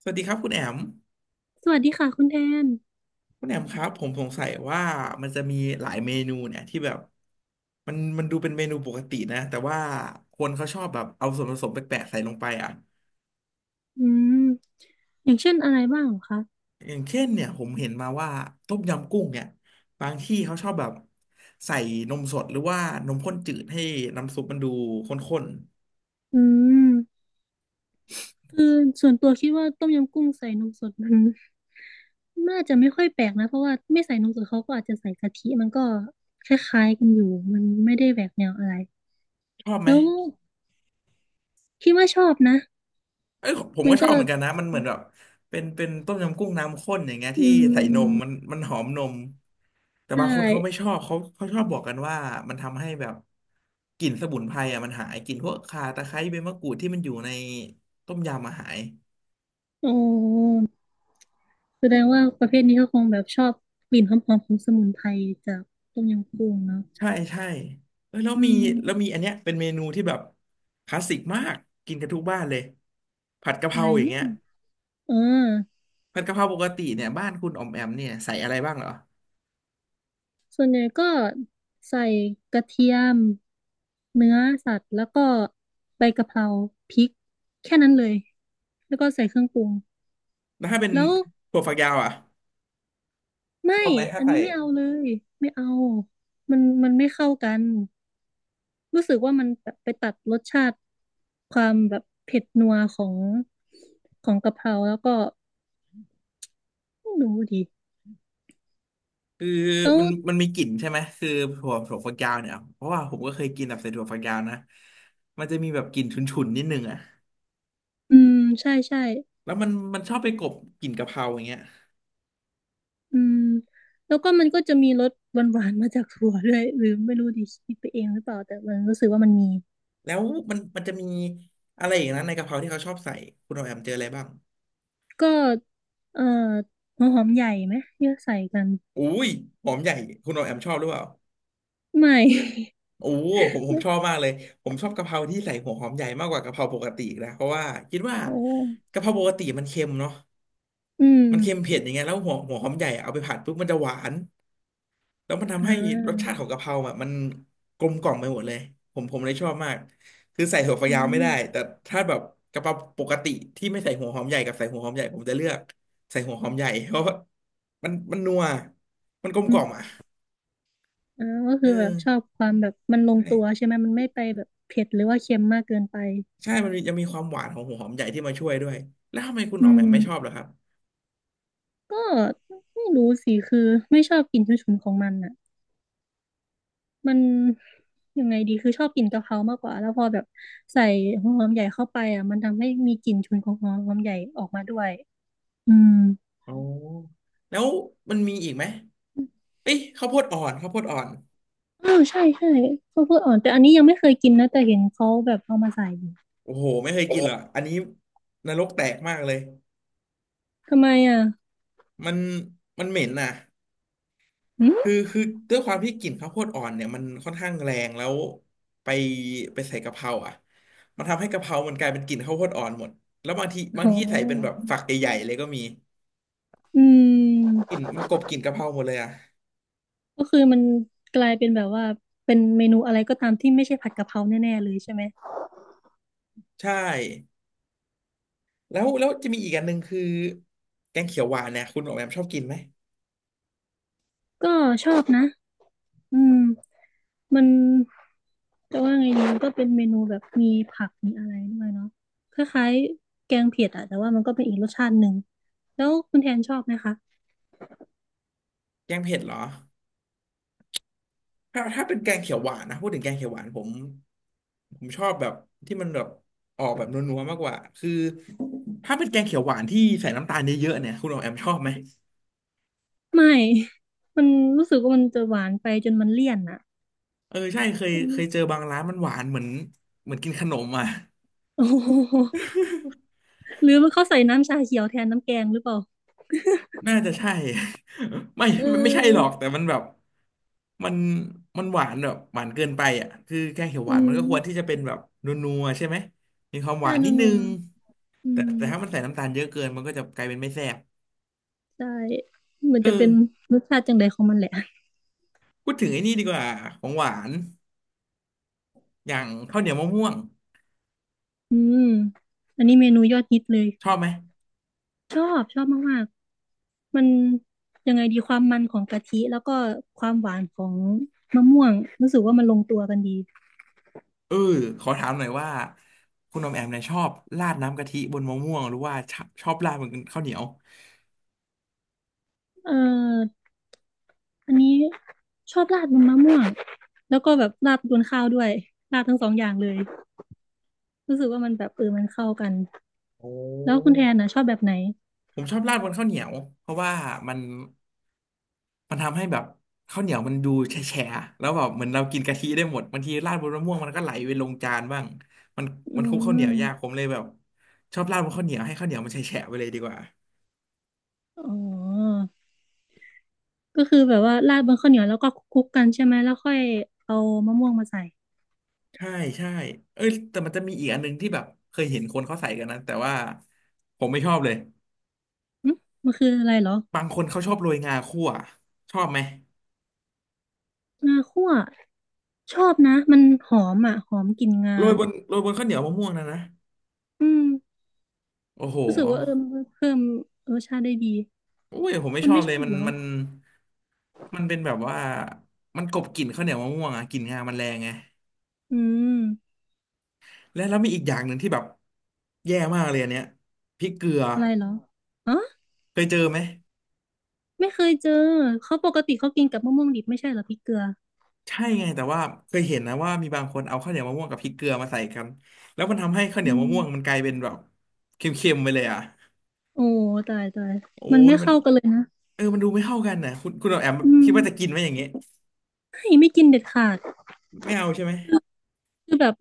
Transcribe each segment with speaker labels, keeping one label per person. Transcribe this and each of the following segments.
Speaker 1: สวัสดีครับคุณแอม
Speaker 2: สวัสดีค่ะคุณแทน
Speaker 1: คุณแอมครับผมสงสัยว่ามันจะมีหลายเมนูเนี่ยที่แบบมันดูเป็นเมนูปกตินะแต่ว่าคนเขาชอบแบบเอาส่วนผสมแปลกๆใส่ลงไปอ่ะ
Speaker 2: อืมอย่างเช่นอะไรบ้างเหรอคะ
Speaker 1: อย่างเช่นเนี่ยผมเห็นมาว่าต้มยำกุ้งเนี่ยบางที่เขาชอบแบบใส่นมสดหรือว่านมข้นจืดให้น้ำซุปมันดูข้น
Speaker 2: อืมคือส่วนตัวคิดว่าต้มยำกุ้งใส่นมสดมัน น่าจะไม่ค่อยแปลกนะเพราะว่าไม่ใส่นมสดเขาก็อาจจะใส่กะทิมันก็คล้ายๆกันอยู่มันไม่ได้แหวกแนวอะไร
Speaker 1: ๆชอบไหม
Speaker 2: แล้วคิดว่าชอบนะ
Speaker 1: เอ้ยผม
Speaker 2: มั
Speaker 1: ก็
Speaker 2: น
Speaker 1: ช
Speaker 2: ก็
Speaker 1: อบเหมือนกันนะ มันเหมือนแบบเป็นต้มยำกุ้งน้ำข้นอย่างเงี้ยที่
Speaker 2: อื
Speaker 1: ใส่นม
Speaker 2: ม
Speaker 1: มันหอมนม แต่
Speaker 2: ใช
Speaker 1: บางคนเขาไม่ช
Speaker 2: ่
Speaker 1: อบเขาชอบบอกกันว่ามันทำให้แบบกลิ่นสมุนไพรอ่ะมันหายกลิ่นพวกข่าตะไคร้ใบมะกรูดที่มันอยู่ในต้มยำมาหาย
Speaker 2: โอ้แสดงว่าประเภทนี้เขาคงแบบชอบกลิ่นหอมๆของสมุนไพรจากต้มยำกุ้งเนาะ
Speaker 1: ใช่ใช่เอ้ยแล้ว
Speaker 2: อื
Speaker 1: มี
Speaker 2: ม
Speaker 1: แล้วมีอันเนี้ยเป็นเมนูที่แบบคลาสสิกมากกินกันทุกบ้านเลยผัดกะเพ
Speaker 2: อะ
Speaker 1: รา
Speaker 2: ไร
Speaker 1: อย่าง
Speaker 2: เนู้
Speaker 1: เงี้ย
Speaker 2: นเออ
Speaker 1: ผัดกะเพราปกติเนี่ยบ้านคุณออมแอมเนี่ยใส่อะไรบ้างเหรอ
Speaker 2: ส่วนใหญ่ก็ใส่กระเทียมเนื้อสัตว์แล้วก็ใบกะเพราพริกแค่นั้นเลยแล้วก็ใส่เครื่องปรุง
Speaker 1: แล้วถ้าเป็น
Speaker 2: แล้ว
Speaker 1: ถั่วฝักยาวอ่ะช
Speaker 2: ไม่
Speaker 1: อบไหมถ้า
Speaker 2: อัน
Speaker 1: ใส่
Speaker 2: นี้ไม่เอาเลยไม่เอามันไม่เข้ากันรู้สึกว่ามันแบบไปตัดรสชาติความแบบเผ็ดนัวของกะเพราแล้วก็ไม่รู้ดิ
Speaker 1: คือ
Speaker 2: แล้ว
Speaker 1: มันมีกลิ่นใช่ไหมคือถั่วฝักยาวเนี่ยเพราะว่าผมก็เคยกินแบบใส่ถั่วฝักยาวนะมันจะมีแบบกลิ่นฉุนๆนิดนึงอ่ะ
Speaker 2: อืมใช่ใช่
Speaker 1: แล้วมันชอบไปกลบกลิ่นกะเพราอย่างเงี้ย
Speaker 2: อืมแล้วก็มันก็จะมีรสหวานๆมาจากถั่วด้วยหรือไม่รู้ดิคิดไปเองหรือเปล่าแต่มันรู้สึกว่ามันมี
Speaker 1: แล้วมันจะมีอะไรอย่างนั้นในกะเพราที่เขาชอบใส่คุณโอแอมเจออะไรบ้าง
Speaker 2: ก็เอ่อหัวหอมใหญ่ไหมเยอะใส่กัน
Speaker 1: อุ้ยหอมใหญ่คุณโอแอมชอบหรือเปล่า
Speaker 2: ไม่
Speaker 1: โอ้ผม ผม
Speaker 2: ไม่
Speaker 1: ชอบมากเลยผมชอบกะเพราที่ใส่หัวหอมใหญ่มากกว่ากะเพราปกติอีกนะเพราะว่าคิดว่า
Speaker 2: โอ้
Speaker 1: กะเพราปกติมันเค็มเนาะ
Speaker 2: อืม
Speaker 1: มันเค็มเผ็ดอย่างเงี้ยแล้วหัวหอมใหญ่อะเอาไปผัดปุ๊บมันจะหวาน แล้วมัน
Speaker 2: อ่
Speaker 1: ทำให้รสชา
Speaker 2: า
Speaker 1: ติของกะเพราแบบมันกลมกล่อมไปหมดเลยผมเลยชอบมากคือใส่ถั่วฝัก
Speaker 2: อื
Speaker 1: ยาวไม่
Speaker 2: ม
Speaker 1: ได้แต่ถ้าแบบกะเพราปกติที่ไม่ใส่หัวหอมใหญ่กับใส่หัวหอมใหญ่ผมจะเลือกใส่หัวหอมใหญ่เพราะว่ามันนัวมันกลมก
Speaker 2: อื
Speaker 1: ล่อมอ่ะ
Speaker 2: มอ่าก็
Speaker 1: เอ
Speaker 2: คื
Speaker 1: อ
Speaker 2: อแบบชอบความแบบมันลงตัว
Speaker 1: ใช่
Speaker 2: ใช่ไหมมันไม่ไปแบบเผ็ดหรือว่าเค็มมากเกินไป
Speaker 1: ใช่มันมียังมีความหวานของหัวหอมใหญ่ที่มาช่วยด้วยแล้วทำไมคุณอ
Speaker 2: อื
Speaker 1: อกแบ
Speaker 2: ม
Speaker 1: บไม่ชอบเหรอครับ
Speaker 2: ก็ไม่รู้สิคือไม่ชอบกลิ่นฉุนๆของมันอ่ะ มันยังไงดีคือชอบกินกะเพรามากกว่าแล้วพอแบบใส่หัวหอมใหญ่เข้าไปอ่ะมันทำให้มีกลิ่นฉุนของหัวหอมใหญ่ออกมาด้วยอืม
Speaker 1: อ๋อแล้วมันมีอีกไหมเอ้ยข้าวโพดอ่อนข้าวโพดอ่อน
Speaker 2: อ้าวใช่ใช่ข้าวโพดอ่อนแต่อันนี้ยังไม่เคยกินนะแต่เห็นเขาแบบเอามาใส่อยู่
Speaker 1: โอ้โหไม่เคยกินเหรออันนี้นรกแตกมากเลย
Speaker 2: ทำไมอ่ะ
Speaker 1: มันมันเหม็นน่ะ
Speaker 2: อื
Speaker 1: คื
Speaker 2: ม
Speaker 1: อคือด้วยความที่กลิ่นข้าวโพดอ่อนเนี่ยมันค่อนข้างแรงแล้วไปไปใส่กะเพราอ่ะมันทำให้กะเพรามันกลายเป็นกลิ่นข้าวโพดอ่อนหมดแล้วบางที
Speaker 2: โ
Speaker 1: บางที่ใส่เป็นแบ
Speaker 2: ห
Speaker 1: บฝักใหญ่ๆเลยก็มี
Speaker 2: อืม
Speaker 1: กลิ่นมันกลบกลิ่นกะเพราหมดเลยอ่ะ
Speaker 2: ก็คือมันกลายเป็นแบบว่าเป็นเมนูอะไรก็ตามที่ไม่ใช่ผัดกะเพราแน่ๆเลยใช่ไหม
Speaker 1: ใช่แล้วแล้วจะมีอีกอันหนึ่งคือแกงเขียวหวานเนี่ยคุณออกแบบชอบกินไหม
Speaker 2: ก็ชอบนะ อืมมันจะว่าไงดีมันก็เป็นเมนูแบบมีผักมีอะไรด้วยเนาะคล้ายๆแกงเผ็ดอะแต่ว่ามันก็เป็นอีกรสชาติหนึ่งแล้วคุณแทนชอบไหมคะ
Speaker 1: แกงเผ็ดเหรอ ถ้าเป็นแกงเขียวหวานนะพูดถึงแกงเขียวหวานผมชอบแบบที่มันแบบออกแบบนัวๆมากกว่าคือถ้าเป็นแกงเขียวหวานที่ใส่น้ำตาลเยอะๆเนี่ยคุณออมแอมชอบไหม
Speaker 2: ไม่ มันรู้สึกว่ามันจะหวานไปจนมันเลี่ยนอะ
Speaker 1: เออใช่เคย
Speaker 2: อื
Speaker 1: เค
Speaker 2: ม
Speaker 1: ยเจอบางร้านมันหวานเหมือนเหมือนกินขนมอ่ะ
Speaker 2: โอ้โหหรือม่าเขาใส่น้ำชาเขียวแทนน้ำแกงหรือเปล่า
Speaker 1: น่าจะใช่ ไม่
Speaker 2: เ
Speaker 1: ไม่ใช่หรอก
Speaker 2: ออ
Speaker 1: แต่มันแบบมันมันหวานแบบหวานเกินไปอ่ะคือแกงเขียวห
Speaker 2: อื
Speaker 1: วานมันก็ควรที่จะ
Speaker 2: ม
Speaker 1: เป็นแบบนัวๆใช่ไหมมีความห
Speaker 2: ใช่
Speaker 1: วานนิดนึ
Speaker 2: นัว
Speaker 1: ง
Speaker 2: ๆอื
Speaker 1: แต่
Speaker 2: ม
Speaker 1: แต่ถ้ามันใส่น้ำตาลเยอะเกินมันก็จะกลายเป็นไม่แซ่บ
Speaker 2: ใช่มัน
Speaker 1: เอ
Speaker 2: จะเป็น
Speaker 1: อ
Speaker 2: รสชาติจังใดของมันแหละ
Speaker 1: พูดถึงไอ้นี่ดีกว่าของหวานอย่างข้าวเหนียวมะม่วง
Speaker 2: อืมอันนี้เมนูยอดฮิตเลย
Speaker 1: ชอบไหม
Speaker 2: ชอบชอบมาก มันยังไงดีความมันของกะทิแล้วก็ความหวานของมะม่วงรู้สึกว่ามันลงตัวกันดี
Speaker 1: เออขอถามหน่อยว่าคุณอมแอมเนี่ยชอบราดน้ำกะทิบนมะม่วงหรือว่าชอบชอบราดบนข้าวเหนียว
Speaker 2: เอออันนี้ชอบราดบนมะม่วงแล้วก็แบบราดบนข้าวด้วยราดทั้งสองอย่างเลยรู้สึกว่ามันแบบเออมันเข้ากัน
Speaker 1: โอ้
Speaker 2: แล้วคุณแทนนะชอบแบบไหน
Speaker 1: ผมชอบราดบนข้าวเหนียวเพราะว่ามันมันทำให้แบบข้าวเหนียวมันดูแฉะๆแล้วแบบเหมือนเรากินกะทิได้หมดบางทีราดบนมะม่วงมันก็ไหลไปลงจานบ้างมัน
Speaker 2: อื
Speaker 1: มันคลุกข้าวเห
Speaker 2: ม
Speaker 1: นียวยากผมเลยแบบชอบราดบนข้าวเหนียวให้ข้าวเหนียวมันแฉะๆไปเลยดีกว่า
Speaker 2: อ๋อก็คือแบบว่าราดบนข้าวเหนียวแล้วก็คลุกๆกันใช่ไหมแล้วค่อยเอามะม่วงมาใส่
Speaker 1: ใช่ใช่เอ้ยแต่มันจะมีอีกอันหนึงที่แบบเคยเห็นคนเขาใส่กันนะแต่ว่าผมไม่ชอบเลย
Speaker 2: หึมันคืออะไรเหรอ
Speaker 1: บางคนเขาชอบโรยงาคั่วชอบไหม
Speaker 2: งาคั่วชอบนะมันหอมอ่ะหอมกลิ่น
Speaker 1: โร
Speaker 2: งา
Speaker 1: ยบนโรยบนข้าวเหนียวมะม่วงนะนะ
Speaker 2: อืม
Speaker 1: โอ้โห
Speaker 2: รู้สึกว่าเออมันเพิ่มเออชาติได้ดี
Speaker 1: โอ้ยผมไม่
Speaker 2: คุณ
Speaker 1: ชอบ
Speaker 2: ไม่ช
Speaker 1: เล
Speaker 2: อ
Speaker 1: ย
Speaker 2: บ
Speaker 1: มัน
Speaker 2: เหรอ
Speaker 1: มันมันเป็นแบบว่ามันกลบกลิ่นข้าวเหนียวมะม่วงอะกลิ่นงามันแรงไง
Speaker 2: อืม
Speaker 1: และแล้วมีอีกอย่างหนึ่งที่แบบแย่มากเลยอันเนี้ยพริกเกลือ
Speaker 2: อะไรเหรออ๋อ
Speaker 1: เคยเจอไหม
Speaker 2: ไม่เคยเจอเขาปกติเขากินกับมะม่วงดิบไม่ใช่เหรอพริกเกลือ
Speaker 1: ใช่ไงแต่ว่าเคยเห็นนะว่ามีบางคนเอาข้าวเหนียวมะม่วงกับพริกเกลือมาใส่กันแล้วมันทำให้ข้าวเหนี
Speaker 2: อื
Speaker 1: ยวมะ
Speaker 2: ม
Speaker 1: ม่วงมันกลายเป็นแบบเค็มๆไปเลยอ่ะ
Speaker 2: โอ้ตายตาย
Speaker 1: โอ้
Speaker 2: มัน
Speaker 1: ย
Speaker 2: ไม่เข้ากันเลยนะ
Speaker 1: เออมันดูไม่เข้ากันนะคุณแอม
Speaker 2: อื
Speaker 1: คิ
Speaker 2: ม
Speaker 1: ดว่าจะกินไหมอย่างเงี้ย
Speaker 2: ไม่ไม่กินเด็ดขาด
Speaker 1: ไม่เอาใช่ไหม
Speaker 2: คือแบบ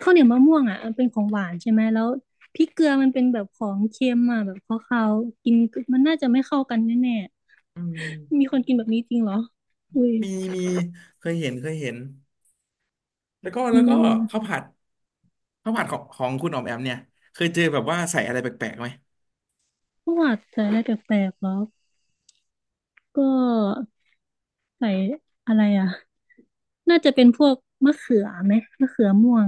Speaker 2: ข้าวเหนียวมะม่วงอ่ะมันเป็นของหวานใช่ไหมแล้วพริกเกลือมันเป็นแบบของเค็มอ่ะแบบคาวๆกินมันน่าจะไม่เข้ากันแน่
Speaker 1: อื
Speaker 2: ๆมี
Speaker 1: ม
Speaker 2: คนกินแบบนี้จริงเหรออุ้ย
Speaker 1: มีมีเคยเห็นแล้วก็แล้
Speaker 2: อื
Speaker 1: วก็
Speaker 2: ม
Speaker 1: ข้าวผัดข้าวผัดของคุณออมแอมเนี่ยเคยเจอแบบว่าใส่อะไรแปลกๆไหม
Speaker 2: ประวัติอะไรแปลกๆเหรอ ก็ใส่อะไรอ่ะน่าจะเป็นพวกมะเขือไหมมะเขือม่วง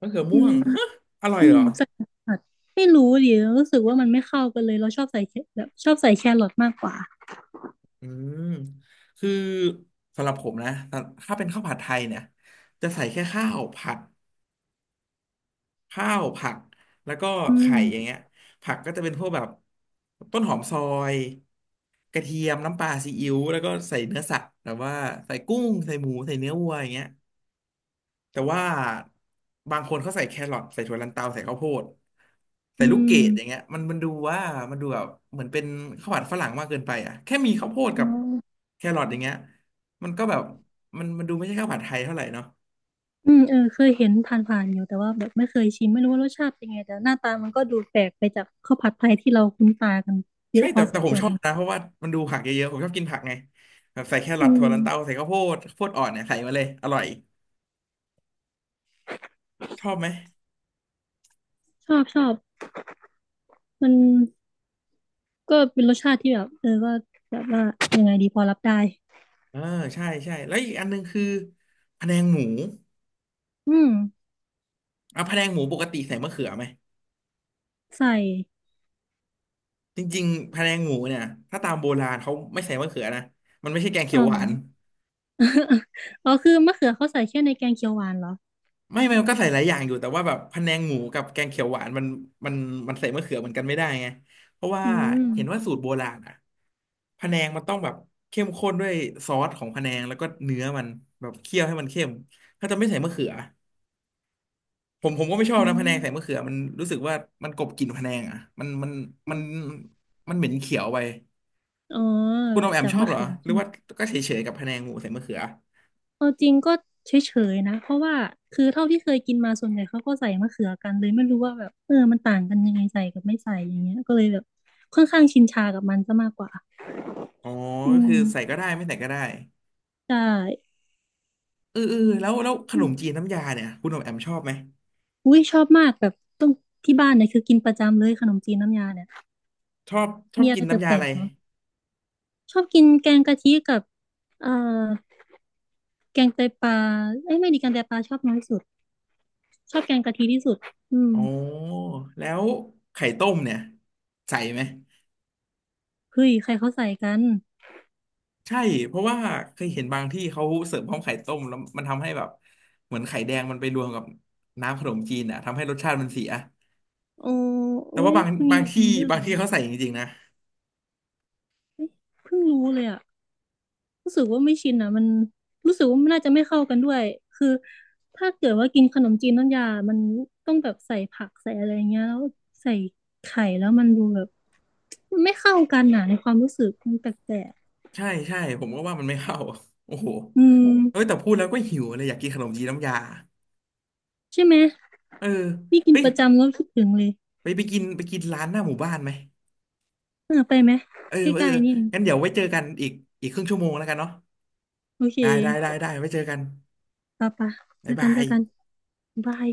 Speaker 1: มะเขือ
Speaker 2: อื
Speaker 1: ม่ว
Speaker 2: ม
Speaker 1: งฮะอร่อย
Speaker 2: อื
Speaker 1: เหร
Speaker 2: ม
Speaker 1: อ
Speaker 2: ใส่ผัดไม่รู้ดิรู้สึกว่ามันไม่เข้ากันเลยเราชอบใส่แคแบบชอบใส่แครอทมากกว่า
Speaker 1: อืมคือสำหรับผมนะถ้าเป็นข้าวผัดไทยเนี่ยจะใส่แค่ข้าวผัด ข้าวผัด แล้วก็
Speaker 2: อื
Speaker 1: ไข่
Speaker 2: ม
Speaker 1: อย่างเงี้ยผักก็จะเป็นพวกแบบต้นหอมซอย กระเทียมน้ำปลาซีอิ๊วแล้วก็ใส่เนื้อสัตว์แบบว่าใส่กุ้ง ใส่หมู ใส่เนื้อวัวอย่างเงี้ย แต่ว่าบางคนเขาใส่แครอทใส่ถั่วลันเตาใส่ข้าวโพดใส่
Speaker 2: อื
Speaker 1: ลูกเกดอย่างเงี้
Speaker 2: ม
Speaker 1: ยมันดูว่ามันดูแบบเหมือนเป็นข้าวผัดฝรั่งมากเกินไปอ่ะแค่มีข้าวโพด
Speaker 2: อ๋
Speaker 1: กับ
Speaker 2: อ
Speaker 1: แครอทอย่างเงี้ยมันก็แบบมันดูไม่ใช่ข้าวผัดไทยเท่าไหร่เนาะ
Speaker 2: อืมเออเคยเห็นผ่านๆอยู่แต่ว่าแบบไม่เคยชิมไม่รู้ว่ารสชาติเป็นไงแต่หน้าตามันก็ดูแปลกไปจากข้าวผัดไทยที่เราคุ้นตากันเย
Speaker 1: ใช่
Speaker 2: อะพ
Speaker 1: แต่
Speaker 2: อส
Speaker 1: แต่
Speaker 2: ม
Speaker 1: ผ
Speaker 2: ค
Speaker 1: ม
Speaker 2: วร
Speaker 1: ชอบนะ
Speaker 2: นะ
Speaker 1: เพราะว่ามันดูผักเยอะๆผมชอบกินผักไงแบบใส่แครอ
Speaker 2: อื
Speaker 1: ทถั่ว
Speaker 2: ม
Speaker 1: ลันเตาใส่ข้าวโพดข้าวโพดอ่อนเนี่ยใส่มาเลยอร่อยชอบไหม
Speaker 2: ชอบชอบมัน ก็เป็นรสชาติที่แบบเออก็แบบว่ายังไงดีพอรับได้
Speaker 1: เออใช่ใช่แล้วอีกอันหนึงคือพะแนงหมู
Speaker 2: อืม
Speaker 1: อ่ะพะแนงหมูปกติใส่มะเขือไหม
Speaker 2: ใส่
Speaker 1: จริงๆพะแนงหมูเนี่ยถ้าตามโบราณเขาไม่ใส่มะเขือนะมันไม่ใช่แกงเขี
Speaker 2: อ๋อ
Speaker 1: ยวห
Speaker 2: เหร
Speaker 1: วา
Speaker 2: อ
Speaker 1: น
Speaker 2: อ๋อคือมะเขือเขาใส่แค่ในแกงเขียวหวานเหรอ
Speaker 1: ไม่มันก็ใส่หลายอย่างอยู่แต่ว่าแบบพะแนงหมูกับแกงเขียวหวานมันมันใส่มะเขือเหมือนกันไม่ได้ไงเพราะว่า
Speaker 2: อืม
Speaker 1: เห็นว่าสูตรโบราณอ่ะพะแนงมันต้องแบบเข้มข้นด้วยซอสของพะแนงแล้วก็เนื้อมันแบบเคี่ยวให้มันเข้มถ้าจะไม่ใส่มะเขือผมก็ไม่ชอบ
Speaker 2: อื
Speaker 1: นะพะแนงใส่
Speaker 2: ม
Speaker 1: มะเขือมันรู้สึกว่ามันกลบกลิ่นพะแนงอ่ะมันมันเหม็นเขียวไป
Speaker 2: อ๋อ
Speaker 1: คุณออมแอม
Speaker 2: จาก
Speaker 1: ชอบ
Speaker 2: มะ
Speaker 1: เหรอ
Speaker 2: เขือ
Speaker 1: หรื
Speaker 2: ใช่
Speaker 1: อ
Speaker 2: ไหม
Speaker 1: ว่าก็เฉยๆกับพะแนงหมูใส่มะเขือ
Speaker 2: เอาจริงก็เฉยๆนะเพราะว่าคือเท่าที่เคยกินมาส่วนใหญ่เขาก็ใส่มะเขือกันเลยไม่รู้ว่าแบบเออมันต่างกันยังไงใส่กับไม่ใส่อย่างเงี้ยก็เลยแบบค่อนข้างชินชากับมันซะมากกว่า
Speaker 1: อ๋อ
Speaker 2: อื
Speaker 1: ก็
Speaker 2: ม
Speaker 1: คือใส่ก็ได้ไม่ใส่ก็ได้
Speaker 2: ใช่
Speaker 1: เออเออแล้วขนมจีนน้ำยาเนี่ยคุณอมแอมชอบไหม
Speaker 2: อุ้ยชอบมากแบบต้องที่บ้านเนี่ยคือกินประจำเลยขนมจีนน้ำยาเนี่ย
Speaker 1: ชอบชอบ
Speaker 2: มีอะ
Speaker 1: กิ
Speaker 2: ไร
Speaker 1: นน้ำยา
Speaker 2: แปล
Speaker 1: อะไร
Speaker 2: กๆเหรอชอบกินแกงกะทิกับเอ่อแกงไตปลาเอ้ยไม่ดีแกงไตปลาชอบน้อยสุดชอบแกงกะทิที่สุดอืม
Speaker 1: อ๋อแล้วไข่ต้มเนี่ยใส่ไหม
Speaker 2: เฮ้ยใครเขาใส่กัน
Speaker 1: ใช่เพราะว่าเคยเห็นบางที่เขาเสิร์ฟพร้อมไข่ต้มแล้วมันทำให้แบบเหมือนไข่แดงมันไปรวมกับน้ำขนมจีนอ่ะทำให้รสชาติมันเสีย
Speaker 2: โอ้
Speaker 1: แต่
Speaker 2: อุ้
Speaker 1: ว่า
Speaker 2: ย
Speaker 1: บาง
Speaker 2: มันมี
Speaker 1: บาง
Speaker 2: แบบ
Speaker 1: ที่
Speaker 2: นี้ด้วย
Speaker 1: บา
Speaker 2: เหร
Speaker 1: ง
Speaker 2: อ
Speaker 1: ที่เขาใส่จริงๆนะ
Speaker 2: เอ้ยเพิ่งรู้เลยอะรู้สึกว่าไม่ชินอะมันรู้สึกว่ามันน่าจะไม่เข้ากันด้วยคือถ้าเกิดว่ากินขนมจีนน้ำยามันต้องแบบใส่ผักใส่อะไรเงี้ยแล้วใส่ไข่แล้วมันดูแบบมันไม่เข้ากันนะในความรู้สึกมันแปลก
Speaker 1: ใช่ใช่ผมก็ว่ามันไม่เข้าโอ้โห
Speaker 2: ๆอืม
Speaker 1: เอ้ยแต่พูดแล้วก็หิวเลยอยากกินขนมจีนน้ำยา
Speaker 2: ใช่ไหม
Speaker 1: เออ
Speaker 2: นี่กิน
Speaker 1: เฮ้ย
Speaker 2: ประจำแล้วคิดถึงเลย
Speaker 1: ไปกินร้านหน้าหมู่บ้านไหม
Speaker 2: เออไปไหม
Speaker 1: เออ
Speaker 2: ใก
Speaker 1: เอ
Speaker 2: ล้
Speaker 1: อ
Speaker 2: ๆนี่เอง
Speaker 1: งั้นเดี๋ยวไว้เจอกันอีกครึ่งชั่วโมงแล้วกันเนาะ
Speaker 2: โอเค
Speaker 1: ได้ไว้เจอกัน
Speaker 2: ปะปะเจ
Speaker 1: บ๊าย
Speaker 2: อกั
Speaker 1: บา
Speaker 2: นเจ
Speaker 1: ย
Speaker 2: อกันบาย